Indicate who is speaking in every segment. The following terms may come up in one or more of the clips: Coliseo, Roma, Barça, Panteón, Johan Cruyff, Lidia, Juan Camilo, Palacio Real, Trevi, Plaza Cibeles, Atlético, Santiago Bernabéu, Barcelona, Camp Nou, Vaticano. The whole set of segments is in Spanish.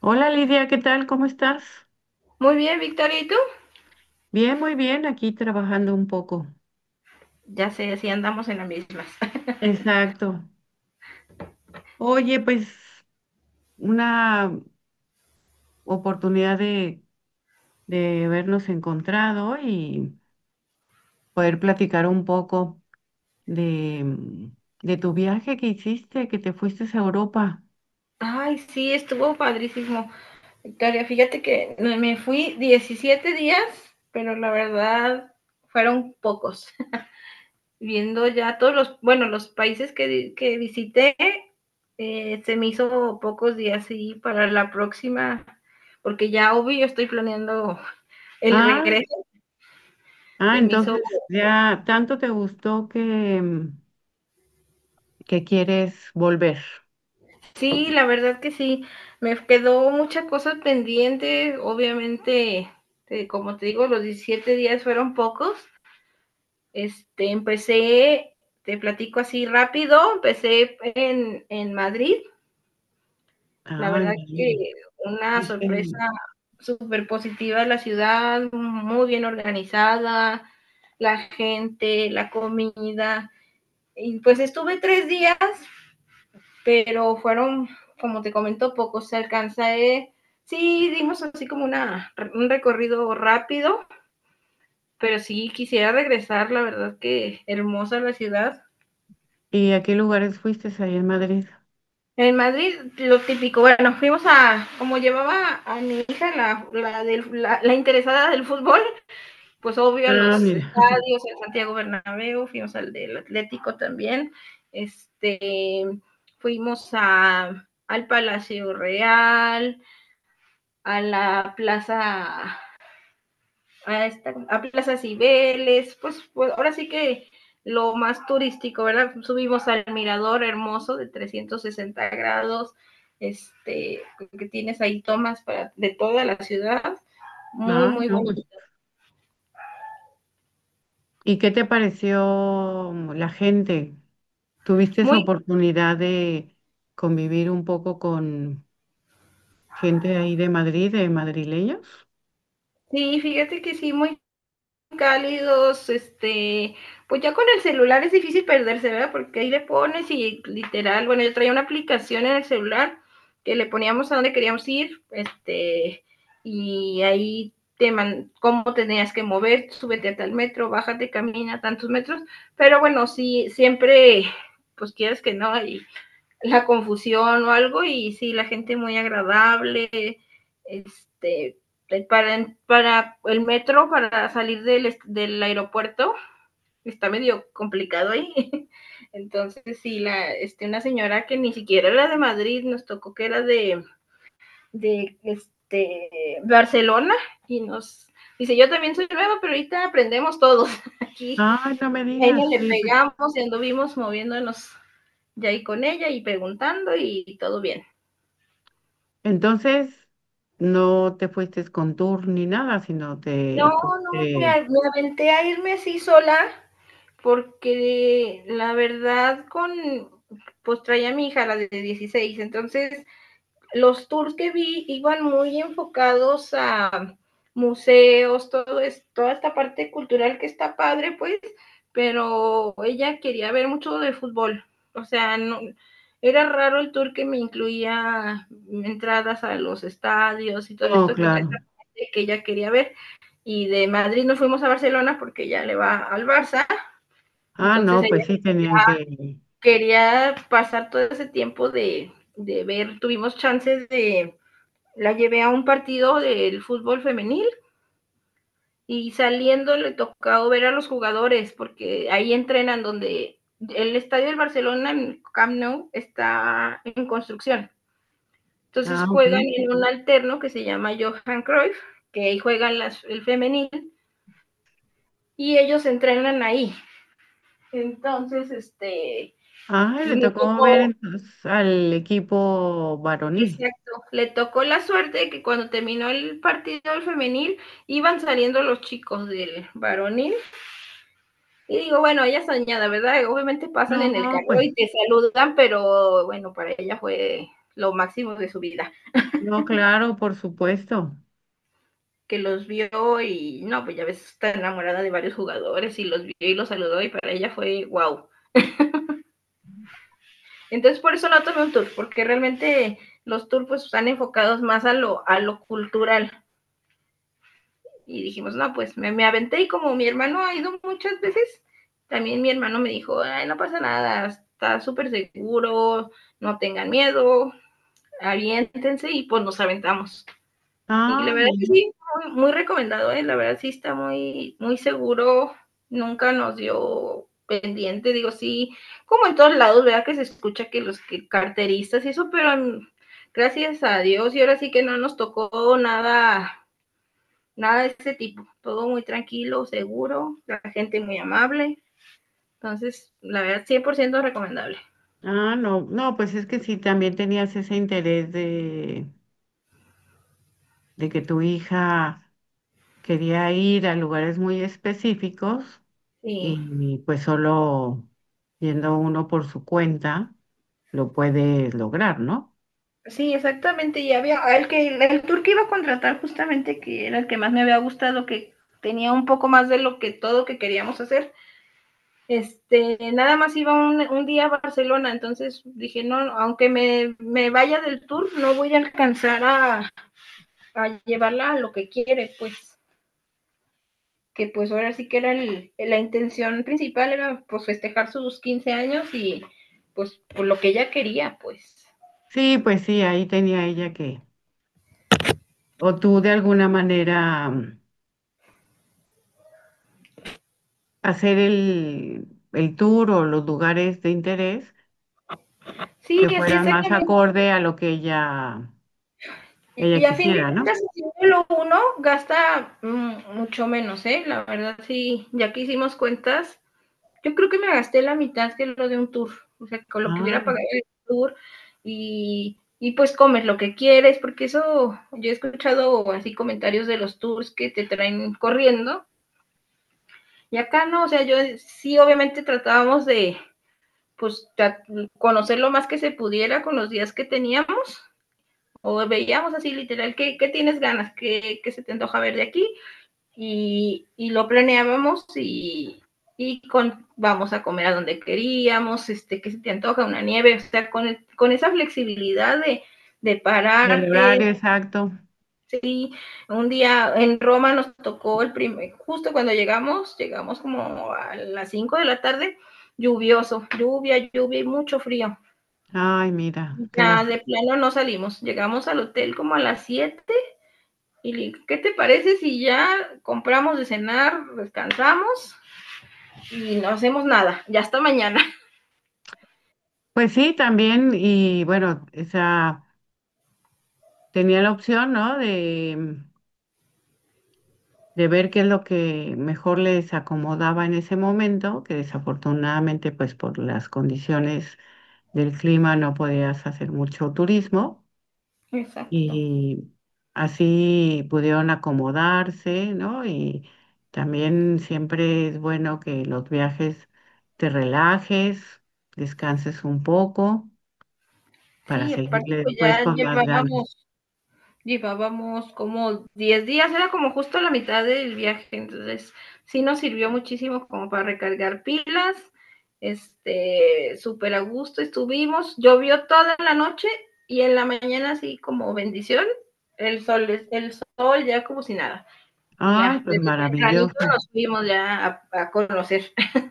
Speaker 1: Hola Lidia, ¿qué tal? ¿Cómo estás?
Speaker 2: Muy bien, Victoria, ¿y tú?
Speaker 1: Bien, muy bien, aquí trabajando un poco.
Speaker 2: Ya sé, sí andamos en las mismas.
Speaker 1: Exacto. Oye, pues una oportunidad de vernos encontrado y poder platicar un poco de de tu viaje que hiciste, que te fuiste a Europa.
Speaker 2: Ay, sí, estuvo padrísimo. Victoria, fíjate que me fui 17 días, pero la verdad fueron pocos. Viendo ya todos los, bueno, los países que visité, se me hizo pocos días y para la próxima, porque ya obvio estoy planeando el
Speaker 1: Ah,
Speaker 2: regreso.
Speaker 1: ah,
Speaker 2: Se me hizo
Speaker 1: entonces ya tanto te gustó que que quieres volver.
Speaker 2: Sí, la verdad que sí. Me quedó muchas cosas pendientes. Obviamente, como te digo, los 17 días fueron pocos. Empecé, te platico así rápido, empecé en Madrid. La
Speaker 1: Ay,
Speaker 2: verdad que
Speaker 1: bien.
Speaker 2: una
Speaker 1: Este,
Speaker 2: sorpresa súper positiva de la ciudad, muy bien organizada, la gente, la comida. Y pues estuve 3 días pero fueron, como te comento, pocos. Se alcanza, sí, dimos así como un recorrido rápido, pero sí quisiera regresar, la verdad que hermosa la ciudad.
Speaker 1: ¿y a qué lugares fuiste ahí en Madrid?
Speaker 2: En Madrid, lo típico, bueno, fuimos a, como llevaba a mi hija, la interesada del fútbol, pues obvio a
Speaker 1: Ah,
Speaker 2: los
Speaker 1: mira.
Speaker 2: estadios, el Santiago Bernabéu, fuimos al del Atlético también, este, fuimos al Palacio Real, a la plaza, a Plaza Cibeles, pues ahora sí que lo más turístico, ¿verdad? Subimos al mirador hermoso de 360 grados, este, que tienes ahí tomas de toda la ciudad, muy,
Speaker 1: Ah,
Speaker 2: muy
Speaker 1: no, pues.
Speaker 2: bonito.
Speaker 1: ¿Y qué te pareció la gente? ¿Tuviste esa
Speaker 2: muy,
Speaker 1: oportunidad de convivir un poco con gente de ahí de Madrid, de madrileños?
Speaker 2: sí, fíjate que sí, muy cálidos. Pues ya con el celular es difícil perderse, ¿verdad? Porque ahí le pones y literal, bueno, yo traía una aplicación en el celular que le poníamos a dónde queríamos ir. Y ahí cómo tenías que mover, súbete a tal metro, bájate, camina tantos metros, pero bueno, sí, siempre, pues quieres que no, y la confusión o algo y sí, la gente muy agradable. este, para el metro, para salir del aeropuerto, está medio complicado ahí. Entonces, sí, una señora que ni siquiera era de Madrid, nos tocó que era de Barcelona y nos dice, yo también soy nueva, pero ahorita aprendemos todos aquí
Speaker 1: Ay, no me
Speaker 2: ella
Speaker 1: digas.
Speaker 2: le
Speaker 1: Sí, pues.
Speaker 2: pegamos y anduvimos moviéndonos ya ahí con ella y preguntando y todo bien.
Speaker 1: Entonces, no te fuiste con tour ni nada, sino
Speaker 2: No,
Speaker 1: te
Speaker 2: no,
Speaker 1: fuiste.
Speaker 2: me aventé a irme así sola porque la verdad con, pues traía a mi hija, la de 16. Entonces los tours que vi iban muy enfocados a museos, toda esta parte cultural que está padre, pues, pero ella quería ver mucho de fútbol. O sea, no, era raro el tour que me incluía entradas a los estadios y todo
Speaker 1: No,
Speaker 2: esto que, era esta
Speaker 1: claro.
Speaker 2: parte que ella quería ver. Y de Madrid nos fuimos a Barcelona porque ella le va al Barça.
Speaker 1: Ah,
Speaker 2: Entonces
Speaker 1: no,
Speaker 2: ella
Speaker 1: pues sí tenían que.
Speaker 2: quería pasar todo ese tiempo de ver, tuvimos chances de la llevé a un partido del fútbol femenil y saliendo le tocó ver a los jugadores porque ahí entrenan donde el estadio del Barcelona en Camp Nou está en construcción. Entonces
Speaker 1: Ah, ok.
Speaker 2: juegan en un alterno que se llama Johan Cruyff, que ahí juegan el femenil y ellos entrenan ahí. Entonces,
Speaker 1: Ah, le
Speaker 2: me
Speaker 1: tocó ver
Speaker 2: tocó,
Speaker 1: entonces al equipo varonil.
Speaker 2: exacto, le tocó la suerte de que cuando terminó el partido del femenil iban saliendo los chicos del varonil. Y digo, bueno, ella soñada, ¿verdad? Obviamente pasan
Speaker 1: No,
Speaker 2: en el carro
Speaker 1: pues.
Speaker 2: y te saludan, pero bueno, para ella fue lo máximo de su vida,
Speaker 1: No, claro, por supuesto.
Speaker 2: que los vio. Y no, pues ya ves, está enamorada de varios jugadores y los vio y los saludó y para ella fue wow. Entonces por eso no tomé un tour, porque realmente los tours pues están enfocados más a lo cultural. Y dijimos, no, pues me aventé y como mi hermano ha ido muchas veces, también mi hermano me dijo, ay, no pasa nada, está súper seguro, no tengan miedo, aviéntense y pues nos aventamos. Y la
Speaker 1: Ah,
Speaker 2: verdad que
Speaker 1: mira.
Speaker 2: sí, muy, muy recomendado, ¿eh? La verdad sí está muy, muy seguro, nunca nos dio pendiente, digo sí, como en todos lados, ¿verdad? Que se escucha que los que carteristas y eso, pero gracias a Dios y ahora sí que no nos tocó nada, nada de ese tipo, todo muy tranquilo, seguro, la gente muy amable, entonces la verdad 100% recomendable.
Speaker 1: Ah, no, no, pues es que sí, también tenías ese interés de que tu hija quería ir a lugares muy específicos
Speaker 2: Sí.
Speaker 1: y pues solo yendo uno por su cuenta lo puedes lograr, ¿no?
Speaker 2: Sí, exactamente. Y había el que el tour que iba a contratar justamente, que era el que más me había gustado, que tenía un poco más de lo que todo que queríamos hacer. Nada más iba un día a Barcelona, entonces dije, no, aunque me vaya del tour, no voy a alcanzar a, llevarla a lo que quiere, pues, que pues ahora sí que era el, la intención principal, era pues festejar sus 15 años y pues por lo que ella quería, pues.
Speaker 1: Sí, pues sí, ahí tenía ella que, o tú de alguna manera hacer el tour o los lugares de interés
Speaker 2: Sí,
Speaker 1: que
Speaker 2: así
Speaker 1: fueran más
Speaker 2: exactamente.
Speaker 1: acorde a lo que ella... Ella
Speaker 2: Y a fin de
Speaker 1: quisiera, ¿no?
Speaker 2: cuentas, haciéndolo uno, gasta mucho menos, ¿eh? La verdad, sí, ya que hicimos cuentas, yo creo que me gasté la mitad que lo de un tour, o sea, con lo que hubiera
Speaker 1: Ay,
Speaker 2: pagado el tour y pues comes lo que quieres, porque eso, yo he escuchado así comentarios de los tours que te traen corriendo y acá no, o sea, yo sí, obviamente tratábamos de, pues, conocer lo más que se pudiera con los días que teníamos o veíamos así literal, ¿qué tienes ganas? ¿Qué, ¿Qué, se te antoja ver de aquí? Y lo planeábamos vamos a comer a donde queríamos. ¿Qué se te antoja? Una nieve, o sea, con esa flexibilidad de
Speaker 1: y el
Speaker 2: pararte.
Speaker 1: horario exacto.
Speaker 2: Sí, un día en Roma nos tocó justo cuando llegamos como a las 5 de la tarde, lluvioso, lluvia, lluvia y mucho frío.
Speaker 1: Ay, mira, qué
Speaker 2: Ya
Speaker 1: lástima.
Speaker 2: de plano no salimos, llegamos al hotel como a las 7. Y le digo, ¿qué te parece si ya compramos de cenar, descansamos y no hacemos nada? Ya hasta mañana.
Speaker 1: Pues sí, también, y bueno, esa tenía la opción, ¿no? De ver qué es lo que mejor les acomodaba en ese momento, que desafortunadamente, pues por las condiciones del clima no podías hacer mucho turismo.
Speaker 2: Exacto.
Speaker 1: Y así pudieron acomodarse, ¿no? Y también siempre es bueno que los viajes te relajes, descanses un poco para
Speaker 2: Sí,
Speaker 1: seguirle
Speaker 2: aparte pues
Speaker 1: después
Speaker 2: ya
Speaker 1: con más ganas.
Speaker 2: llevábamos, llevábamos como 10 días, era como justo la mitad del viaje, entonces sí nos sirvió muchísimo como para recargar pilas. Súper a gusto estuvimos, llovió toda la noche y en la mañana así como bendición, el sol ya como si nada. Y
Speaker 1: Ay,
Speaker 2: ya,
Speaker 1: pues
Speaker 2: desde tempranito
Speaker 1: maravilloso.
Speaker 2: nos fuimos ya a conocer.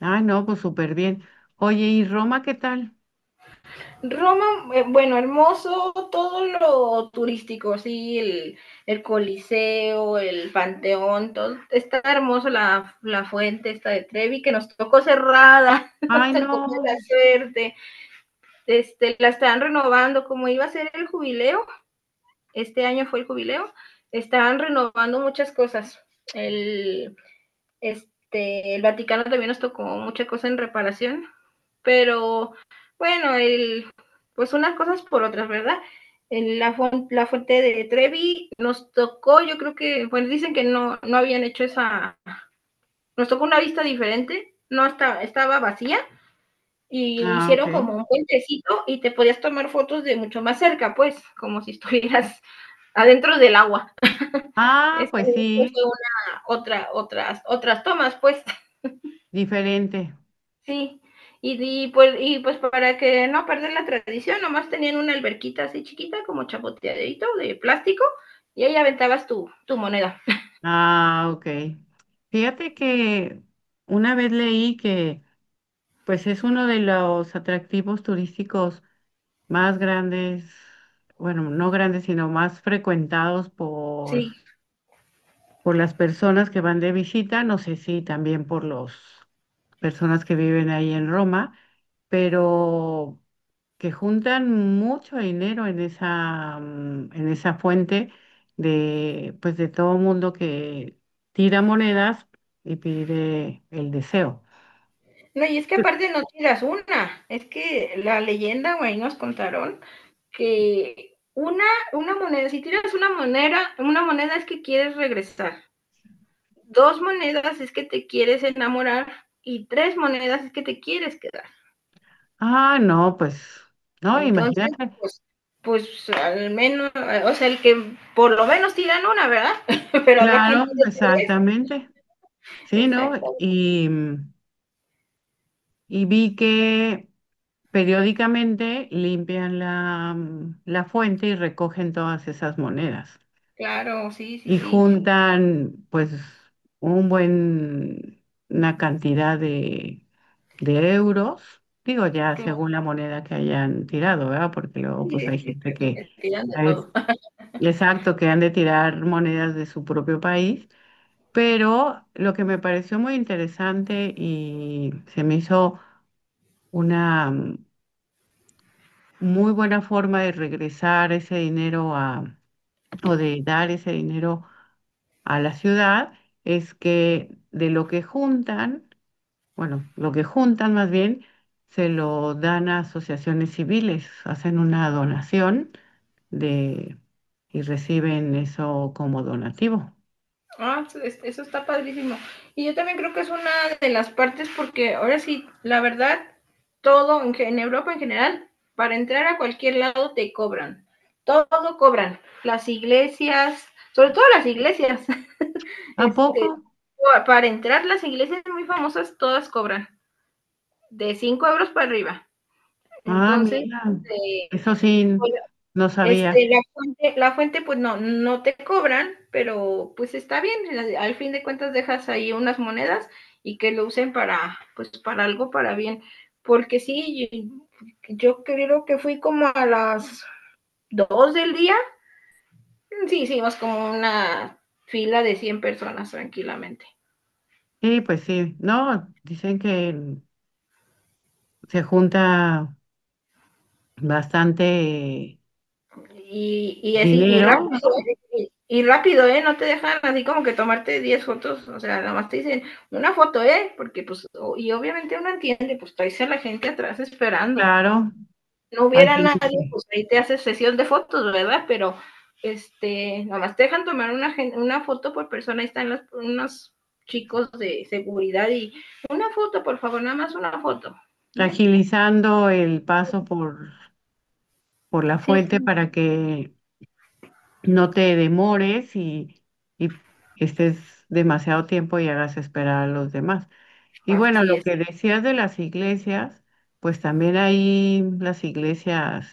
Speaker 1: Ay, no, pues súper bien. Oye, ¿y Roma qué tal?
Speaker 2: Roma, bueno, hermoso, todo lo turístico, sí, el Coliseo, el Panteón, todo, está hermoso la fuente esta de Trevi que nos tocó cerrada, nos
Speaker 1: Ay,
Speaker 2: tocó
Speaker 1: no.
Speaker 2: mala suerte. La están renovando, como iba a ser el jubileo, este año fue el jubileo, estaban renovando muchas cosas. El, el Vaticano también nos tocó mucha cosa en reparación, pero bueno, el, pues unas cosas por otras, ¿verdad? En la fuente de Trevi nos tocó, yo creo que, bueno, dicen que no, no habían hecho esa, nos tocó una vista diferente, no estaba, estaba vacía y
Speaker 1: Ah, ok.
Speaker 2: hicieron como un puentecito y te podías tomar fotos de mucho más cerca, pues, como si estuvieras adentro del agua.
Speaker 1: Ah,
Speaker 2: Esa
Speaker 1: pues
Speaker 2: fue
Speaker 1: sí,
Speaker 2: una, otra, otras tomas, pues.
Speaker 1: diferente.
Speaker 2: Sí, y pues para que no perder la tradición, nomás tenían una alberquita así chiquita, como chapoteadito de plástico, y ahí aventabas tu, tu moneda.
Speaker 1: Ah, ok. Fíjate que una vez leí que pues es uno de los atractivos turísticos más grandes, bueno, no grandes, sino más frecuentados
Speaker 2: Sí.
Speaker 1: por las personas que van de visita, no sé si también por las personas que viven ahí en Roma, pero que juntan mucho dinero en esa en esa fuente de, pues de todo mundo que tira monedas y pide el deseo.
Speaker 2: No, y es que aparte no tiras una, es que la leyenda, güey, nos contaron que una moneda, si tiras una moneda es que quieres regresar, dos monedas es que te quieres enamorar y tres monedas es que te quieres quedar.
Speaker 1: Ah, no, pues, no,
Speaker 2: Entonces,
Speaker 1: imagínate.
Speaker 2: pues, pues al menos, o sea, el que por lo menos tiran una, ¿verdad? Pero habrá quien
Speaker 1: Claro,
Speaker 2: tire tres.
Speaker 1: exactamente. Sí, ¿no?
Speaker 2: Exacto,
Speaker 1: Y vi que periódicamente limpian la la fuente y recogen todas esas monedas
Speaker 2: claro, sí, sí,
Speaker 1: y
Speaker 2: sí.
Speaker 1: juntan pues un buen, una cantidad de euros, digo ya
Speaker 2: Claro,
Speaker 1: según la moneda que hayan tirado, ¿verdad? Porque luego pues
Speaker 2: sí, sí,
Speaker 1: hay
Speaker 2: sí,
Speaker 1: gente
Speaker 2: pero que
Speaker 1: que,
Speaker 2: tiran de
Speaker 1: a veces,
Speaker 2: todo.
Speaker 1: exacto, que han de tirar monedas de su propio país. Pero lo que me pareció muy interesante y se me hizo una muy buena forma de regresar ese dinero a, o de dar ese dinero a la ciudad, es que de lo que juntan, bueno, lo que juntan más bien, se lo dan a asociaciones civiles, hacen una donación de y reciben eso como donativo.
Speaker 2: Ah, eso está padrísimo. Y yo también creo que es una de las partes porque ahora sí, la verdad, todo en Europa en general, para entrar a cualquier lado te cobran. Todo cobran. Las iglesias, sobre todo las iglesias.
Speaker 1: ¿A poco?
Speaker 2: Este, para entrar, las iglesias muy famosas todas cobran de 5 euros para arriba.
Speaker 1: Ah,
Speaker 2: Entonces,
Speaker 1: mira,
Speaker 2: eh,
Speaker 1: eso sí, no sabía.
Speaker 2: la fuente, pues no, no te cobran, pero pues está bien. Al fin de cuentas dejas ahí unas monedas y que lo usen para, pues para algo, para bien. Porque sí, yo, yo creo que fui como a las 2 del día. Sí, hicimos como una fila de 100 personas tranquilamente.
Speaker 1: Sí, pues sí, no, dicen que el se junta bastante
Speaker 2: Y así, y
Speaker 1: dinero,
Speaker 2: rápido,
Speaker 1: ¿no?
Speaker 2: ¿eh? Y rápido, ¿eh? No te dejan así como que tomarte 10 fotos, o sea, nada más te dicen una foto, ¿eh? Porque pues, y obviamente uno entiende, pues traes a la gente atrás esperando.
Speaker 1: Claro,
Speaker 2: No
Speaker 1: hay
Speaker 2: hubiera
Speaker 1: gente
Speaker 2: nadie,
Speaker 1: que
Speaker 2: pues ahí te haces sesión de fotos, ¿verdad? Pero, nada más te dejan tomar una foto por persona, ahí están los, unos chicos de seguridad y una foto, por favor, nada más una foto. Y ya.
Speaker 1: agilizando el paso por la
Speaker 2: Sí,
Speaker 1: fuente
Speaker 2: sí.
Speaker 1: para que no te demores y estés demasiado tiempo y hagas esperar a los demás. Y bueno,
Speaker 2: Así
Speaker 1: lo
Speaker 2: es.
Speaker 1: que decías de las iglesias, pues también ahí las iglesias,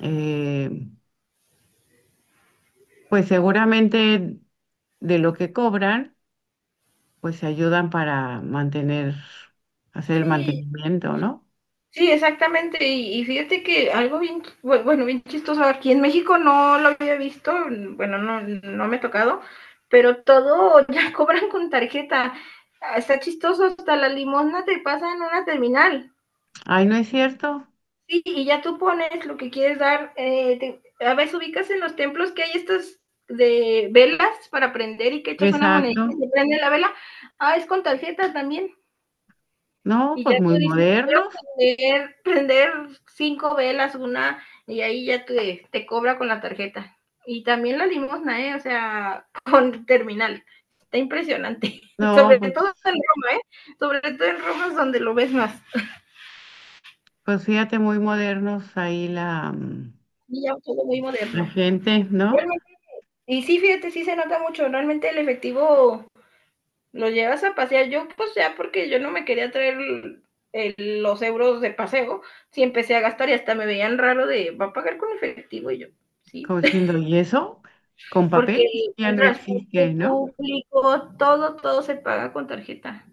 Speaker 1: eh, pues seguramente de lo que cobran pues se ayudan para mantener, hacer el
Speaker 2: Sí,
Speaker 1: mantenimiento, ¿no?
Speaker 2: sí, exactamente. Y fíjate que algo bien, bueno, bien chistoso, aquí en México no lo había visto, bueno, no, no me ha tocado, pero todo ya cobran con tarjeta. Ah, está chistoso, hasta la limosna te pasa en una terminal.
Speaker 1: Ay, ¿no es cierto?
Speaker 2: Sí, y ya tú pones lo que quieres dar. A veces ubicas en los templos que hay estas de velas para prender y que echas una monedita y
Speaker 1: Exacto.
Speaker 2: se prende la vela. Ah, es con tarjeta también.
Speaker 1: No,
Speaker 2: Y ya
Speaker 1: pues muy
Speaker 2: tú dices, quiero
Speaker 1: modernos.
Speaker 2: prender 5 velas, una, y ahí ya te cobra con la tarjeta. Y también la limosna, ¿eh? O sea, con terminal. Está impresionante.
Speaker 1: No,
Speaker 2: Sobre todo
Speaker 1: pues,
Speaker 2: en Roma, ¿eh? Sobre todo en Roma es donde lo ves más.
Speaker 1: pues fíjate, muy modernos ahí la
Speaker 2: Y ya todo muy
Speaker 1: la
Speaker 2: moderno.
Speaker 1: gente, ¿no?
Speaker 2: Realmente, y sí, fíjate, sí se nota mucho. Realmente el efectivo lo llevas a pasear. Yo, pues ya, porque yo no me quería traer los euros de paseo, sí empecé a gastar y hasta me veían raro de, ¿va a pagar con efectivo? Y yo, sí,
Speaker 1: Como diciendo, ¿y eso? Con
Speaker 2: porque
Speaker 1: papel ya
Speaker 2: el
Speaker 1: no existe,
Speaker 2: transporte
Speaker 1: ¿no?
Speaker 2: público, todo, todo se paga con tarjeta.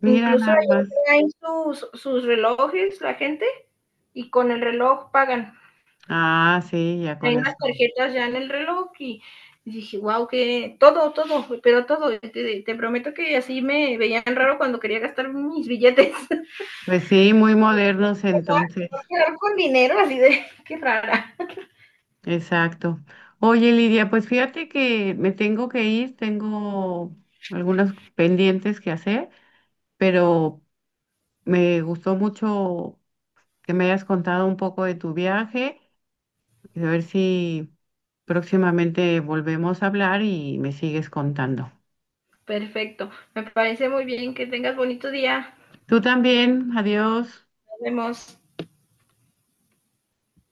Speaker 1: Mira
Speaker 2: Incluso
Speaker 1: nada
Speaker 2: ahí
Speaker 1: más.
Speaker 2: traen sus relojes la gente y con el reloj pagan.
Speaker 1: Ah, sí, ya con
Speaker 2: Traen
Speaker 1: eso.
Speaker 2: las tarjetas ya en el reloj y dije, wow, que todo, todo, pero todo. Te prometo que así me veían raro cuando quería gastar mis billetes.
Speaker 1: Pues sí, muy modernos
Speaker 2: O sea,
Speaker 1: entonces.
Speaker 2: quedar con dinero, así de qué rara.
Speaker 1: Exacto. Oye, Lidia, pues fíjate que me tengo que ir, tengo algunos pendientes que hacer, pero me gustó mucho que me hayas contado un poco de tu viaje y a ver si próximamente volvemos a hablar y me sigues contando.
Speaker 2: Perfecto. Me parece muy bien que tengas bonito día.
Speaker 1: Tú también, adiós.
Speaker 2: Nos vemos.